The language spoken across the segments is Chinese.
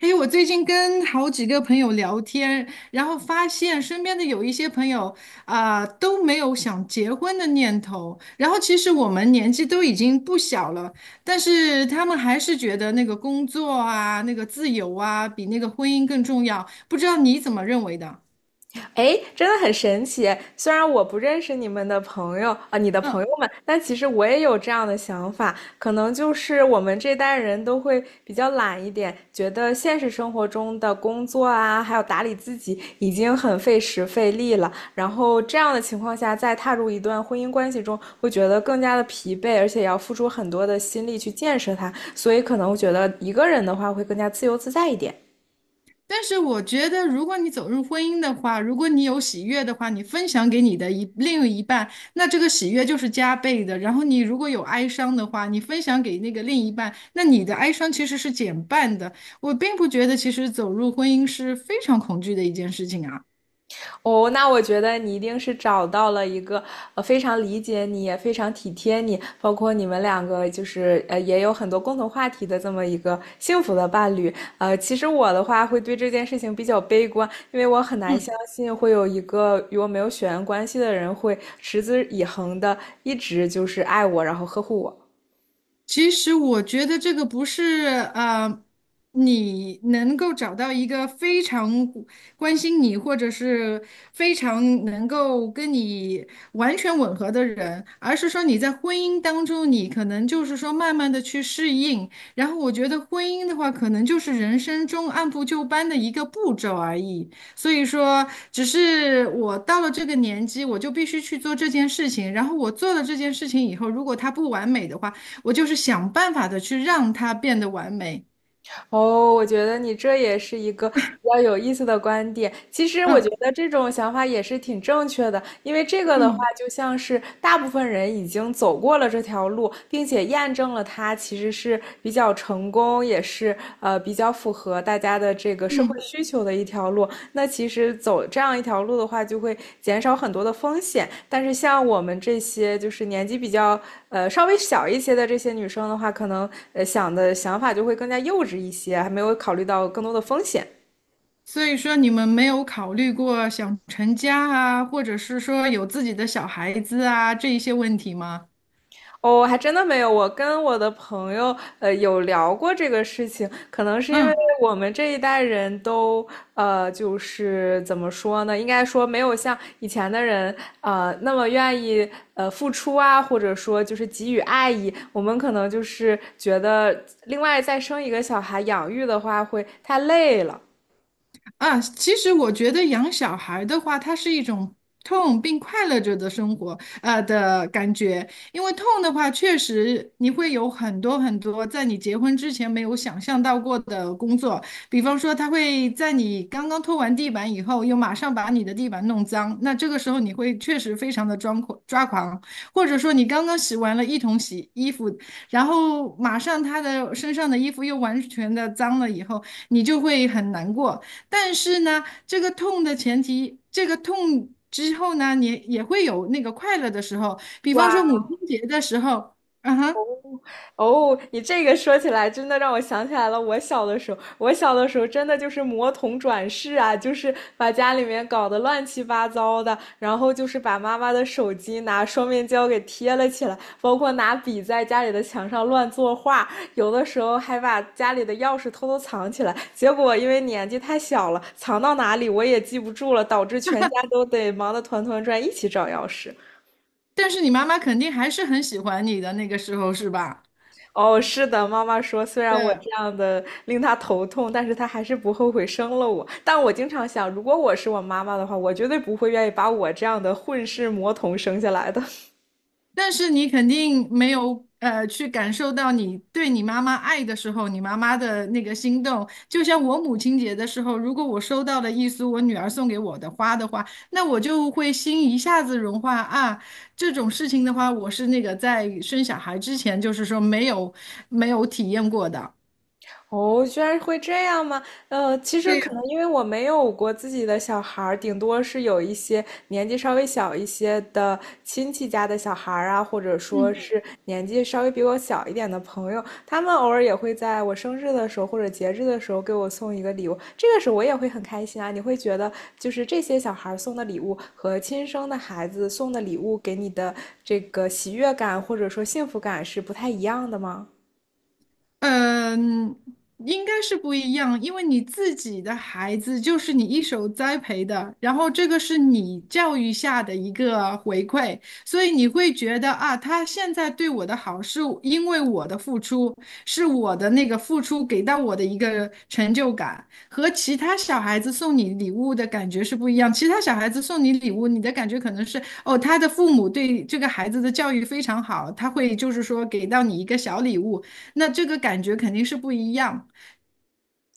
哎，我最近跟好几个朋友聊天，然后发现身边的有一些朋友啊、都没有想结婚的念头。然后其实我们年纪都已经不小了，但是他们还是觉得那个工作啊、那个自由啊，比那个婚姻更重要。不知道你怎么认为的？哎，真的很神奇。虽然我不认识你们的朋友啊、你的朋嗯。友们，但其实我也有这样的想法。可能就是我们这代人都会比较懒一点，觉得现实生活中的工作啊，还有打理自己已经很费时费力了。然后这样的情况下，再踏入一段婚姻关系中，会觉得更加的疲惫，而且也要付出很多的心力去建设它。所以可能我觉得一个人的话会更加自由自在一点。但是我觉得，如果你走入婚姻的话，如果你有喜悦的话，你分享给你的一另一半，那这个喜悦就是加倍的。然后你如果有哀伤的话，你分享给那个另一半，那你的哀伤其实是减半的。我并不觉得，其实走入婚姻是非常恐惧的一件事情啊。哦，那我觉得你一定是找到了一个非常理解你，也非常体贴你，包括你们两个就是也有很多共同话题的这么一个幸福的伴侣。其实我的话会对这件事情比较悲观，因为我很难相信会有一个与我没有血缘关系的人会持之以恒的一直就是爱我，然后呵护我。其实我觉得这个不是呃，你能够找到一个非常关心你，或者是非常能够跟你完全吻合的人，而是说你在婚姻当中，你可能就是说慢慢的去适应。然后我觉得婚姻的话，可能就是人生中按部就班的一个步骤而已。所以说，只是我到了这个年纪，我就必须去做这件事情。然后我做了这件事情以后，如果它不完美的话，我就是想办法的去让它变得完美。哦，我觉得你这也是一个比较有意思的观点。其实我觉嗯得这种想法也是挺正确的，因为这个的话，嗯，就像是大部分人已经走过了这条路，并且验证了它其实是比较成功，也是比较符合合大家的这个社会需求的一条路。那其实走这样一条路的话，就会减少很多的风险。但是像我们这些就是年纪比较稍微小一些的这些女生的话，可能想的想法就会更加幼稚一些，还没有考虑到更多的风险。所以说你们没有考虑过想成家啊，或者是说有自己的小孩子啊，这一些问题吗？哦，还真的没有。我跟我的朋友，有聊过这个事情，可能是因为嗯。我们这一代人都，就是怎么说呢？应该说没有像以前的人，那么愿意，付出啊，或者说就是给予爱意。我们可能就是觉得，另外再生一个小孩养育的话会太累了。啊，其实我觉得养小孩儿的话，它是一种痛并快乐着的生活，的感觉。因为痛的话，确实你会有很多很多在你结婚之前没有想象到过的工作，比方说他会在你刚刚拖完地板以后，又马上把你的地板弄脏，那这个时候你会确实非常的抓狂抓狂，或者说你刚刚洗完了一桶洗衣服，然后马上他的身上的衣服又完全的脏了以后，你就会很难过。但是呢，这个痛的前提，这个痛之后呢，你也会有那个快乐的时候，比方说母亲节的时候，嗯哼，哦，你这个说起来，真的让我想起来了。我小的时候真的就是魔童转世啊，就是把家里面搞得乱七八糟的，然后就是把妈妈的手机拿双面胶给贴了起来，包括拿笔在家里的墙上乱作画，有的时候还把家里的钥匙偷偷藏起来。结果因为年纪太小了，藏到哪里我也记不住了，导致全家都得忙得团团转，一起找钥匙。但是你妈妈肯定还是很喜欢你的那个时候，是吧？哦，是的，妈妈说，虽然我对，这样的令她头痛，但是她还是不后悔生了我。但我经常想，如果我是我妈妈的话，我绝对不会愿意把我这样的混世魔童生下来的。但是你肯定没有去感受到你对你妈妈爱的时候，你妈妈的那个心动。就像我母亲节的时候，如果我收到了一束我女儿送给我的花的话，那我就会心一下子融化啊。这种事情的话，我是那个在生小孩之前，就是说没有体验过的。哦，居然会这样吗？其实对可呀，能因为我没有过自己的小孩儿，顶多是有一些年纪稍微小一些的亲戚家的小孩儿啊，或者说嗯。是年纪稍微比我小一点的朋友，他们偶尔也会在我生日的时候或者节日的时候给我送一个礼物，这个时候我也会很开心啊。你会觉得就是这些小孩儿送的礼物和亲生的孩子送的礼物给你的这个喜悦感或者说幸福感是不太一样的吗？嗯，应该是不一样，因为你自己的孩子就是你一手栽培的，然后这个是你教育下的一个回馈，所以你会觉得啊，他现在对我的好是因为我的付出，是我的那个付出给到我的一个成就感，和其他小孩子送你礼物的感觉是不一样。其他小孩子送你礼物，你的感觉可能是哦，他的父母对这个孩子的教育非常好，他会就是说给到你一个小礼物。那这个感觉肯定是不一样。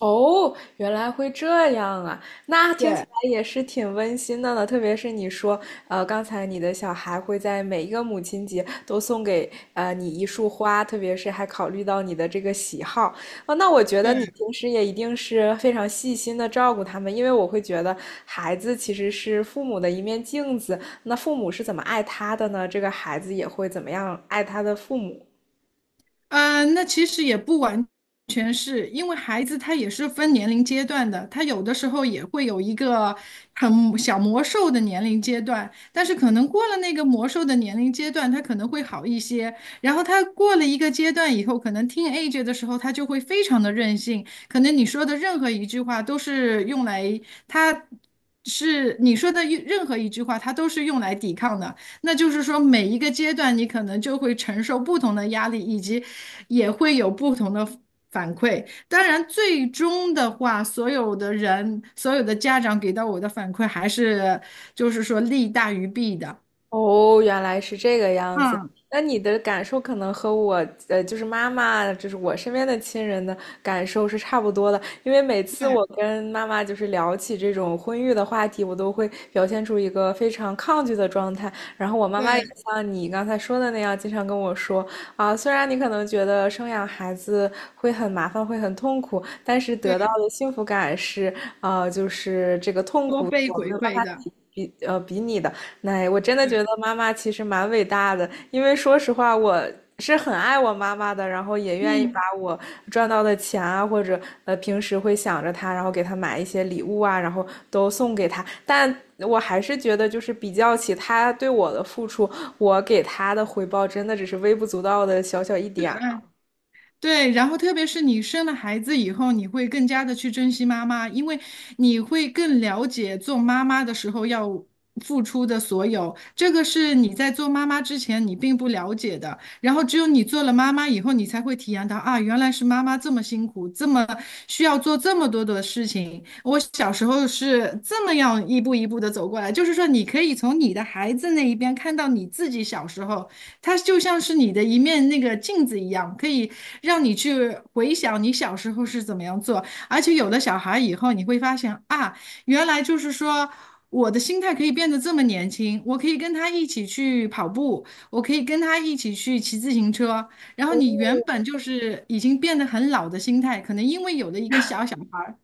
哦，原来会这样啊！那听起来也是挺温馨的呢。特别是你说，刚才你的小孩会在每一个母亲节都送给你一束花，特别是还考虑到你的这个喜好。哦，那我觉得你对，平时也一定是非常细心的照顾他们，因为我会觉得孩子其实是父母的一面镜子，那父母是怎么爱他的呢？这个孩子也会怎么样爱他的父母。那其实也不完全是因为孩子他也是分年龄阶段的，他有的时候也会有一个很小魔兽的年龄阶段，但是可能过了那个魔兽的年龄阶段，他可能会好一些。然后他过了一个阶段以后，可能听 a g e 的时候，他就会非常的任性，可能你说的任何一句话都是用来他。是你说的一任何一句话，他都是用来抵抗的。那就是说，每一个阶段你可能就会承受不同的压力，以及也会有不同的反馈。当然，最终的话，所有的人、所有的家长给到我的反馈还是就是说利大于弊的。哦，原来是这个样子。嗯，那你的感受可能和我，就是妈妈，就是我身边的亲人的感受是差不多的。因为每次对我跟妈妈就是聊起这种婚育的话题，我都会表现出一个非常抗拒的状态。然后我妈妈也对像你刚才说的那样，经常跟我说啊，虽然你可能觉得生养孩子会很麻烦，会很痛苦，但是得对，到的幸福感是，啊，就是这个痛多苦倍我没回有办馈法的。比拟的。哎，我真的觉得妈妈其实蛮伟大的，因为说实话，我是很爱我妈妈的，然后也愿意把嗯。我赚到的钱啊，或者平时会想着她，然后给她买一些礼物啊，然后都送给她。但我还是觉得，就是比较起她对我的付出，我给她的回报真的只是微不足道的小小一点儿。对，然后特别是你生了孩子以后，你会更加的去珍惜妈妈，因为你会更了解做妈妈的时候要付出的所有，这个是你在做妈妈之前你并不了解的。然后只有你做了妈妈以后，你才会体验到啊，原来是妈妈这么辛苦，这么需要做这么多的事情。我小时候是这么样一步一步的走过来，就是说你可以从你的孩子那一边看到你自己小时候。它就像是你的一面那个镜子一样，可以让你去回想你小时候是怎么样做。而且有了小孩以后，你会发现啊，原来就是说我的心态可以变得这么年轻，我可以跟他一起去跑步，我可以跟他一起去骑自行车。然后哦，你原本就是已经变得很老的心态，可能因为有了一个小小孩儿，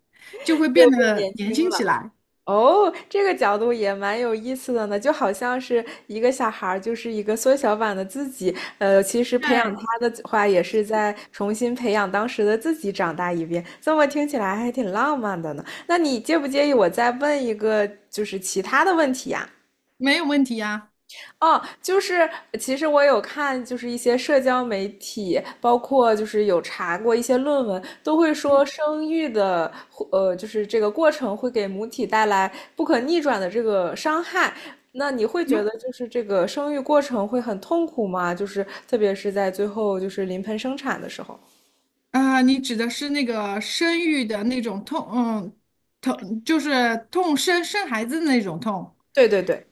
就会变又更得年年轻轻起了。来。哦，这个角度也蛮有意思的呢，就好像是一个小孩儿，就是一个缩小版的自己。其实培养对，他的话，也是在重新培养当时的自己长大一遍。这么听起来还挺浪漫的呢。那你介不介意我再问一个，就是其他的问题呀？没有问题啊。哦，就是其实我有看，就是一些社交媒体，包括就是有查过一些论文，都会说生育的，就是这个过程会给母体带来不可逆转的这个伤害。那你会觉得就是这个生育过程会很痛苦吗？就是特别是在最后就是临盆生产的时候。啊，你指的是那个生育的那种痛，嗯，痛就是痛生生孩子的那种痛。对对对，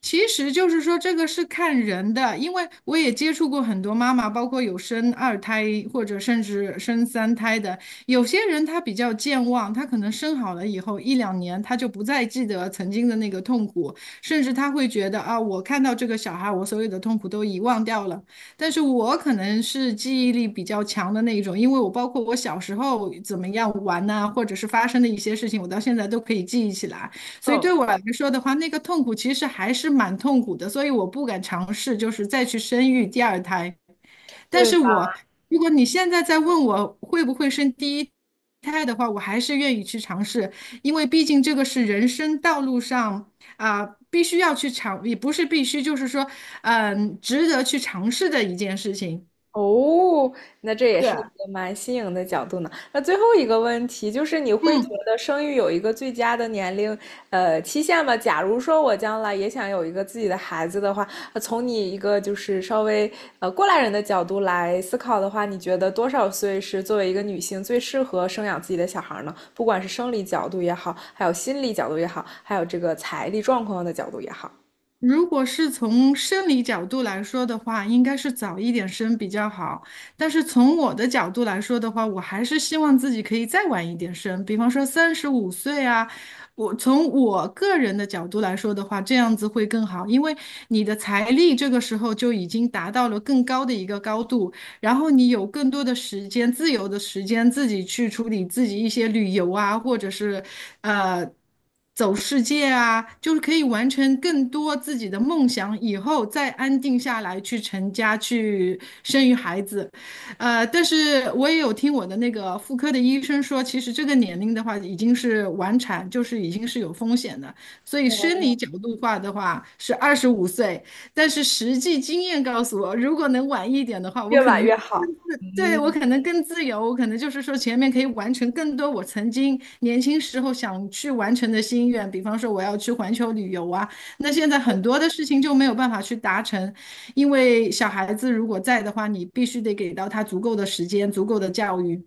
其实就是说，这个是看人的，因为我也接触过很多妈妈，包括有生二胎或者甚至生三胎的。有些人他比较健忘，他可能生好了以后一两年，他就不再记得曾经的那个痛苦，甚至他会觉得啊，我看到这个小孩，我所有的痛苦都遗忘掉了。但是我可能是记忆力比较强的那一种，因为我包括我小时候怎么样玩呐、或者是发生的一些事情，我到现在都可以记忆起来。所以嗯，对我来说的话，那个痛苦其实还是蛮痛苦的，所以我不敢尝试，就是再去生育第二胎。但对。是我，如果你现在再问我会不会生第一胎的话，我还是愿意去尝试，因为毕竟这个是人生道路上啊、必须要去尝，也不是必须，就是说，值得去尝试的一件事情。哦，那这也对，是一个蛮新颖的角度呢。那最后一个问题就是，你会觉嗯。得生育有一个最佳的年龄，期限吗？假如说我将来也想有一个自己的孩子的话，从你一个就是稍微过来人的角度来思考的话，你觉得多少岁是作为一个女性最适合生养自己的小孩呢？不管是生理角度也好，还有心理角度也好，还有这个财力状况的角度也好，如果是从生理角度来说的话，应该是早一点生比较好。但是从我的角度来说的话，我还是希望自己可以再晚一点生，比方说35岁啊。我从我个人的角度来说的话，这样子会更好，因为你的财力这个时候就已经达到了更高的一个高度。然后你有更多的时间，自由的时间，自己去处理自己一些旅游啊，或者是呃走世界啊，就是可以完成更多自己的梦想，以后再安定下来去成家，去生育孩子。呃，但是我也有听我的那个妇科的医生说，其实这个年龄的话，已经是晚产，就是已经是有风险的。所以天生呐，理角度化的话，是25岁。但是实际经验告诉我，如果能晚一点的话，我越可晚能越好。对，我嗯，可能更自由，我可能就是说前面可以完成更多我曾经年轻时候想去完成的心愿，比方说我要去环球旅游啊，那现在很多的事情就没有办法去达成，因为小孩子如果在的话，你必须得给到他足够的时间，足够的教育。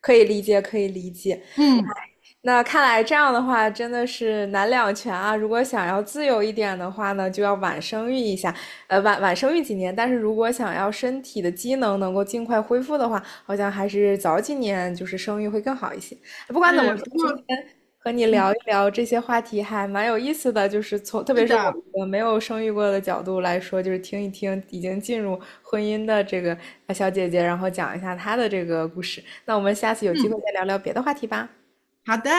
可以理解，可以理解。嗯，那看来这样的话真的是难两全啊！如果想要自由一点的话呢，就要晚生育一下，晚生育几年。但是如果想要身体的机能能够尽快恢复的话，好像还是早几年就是生育会更好一些。不管怎么是，说，不今过，天和你嗯，聊一聊这些话题还蛮有意思的，就是从特是别是我的，一个没有生育过的角度来说，就是听一听已经进入婚姻的这个小姐姐，然后讲一下她的这个故事。那我们下次有机会嗯，再聊聊别的话题吧。好的。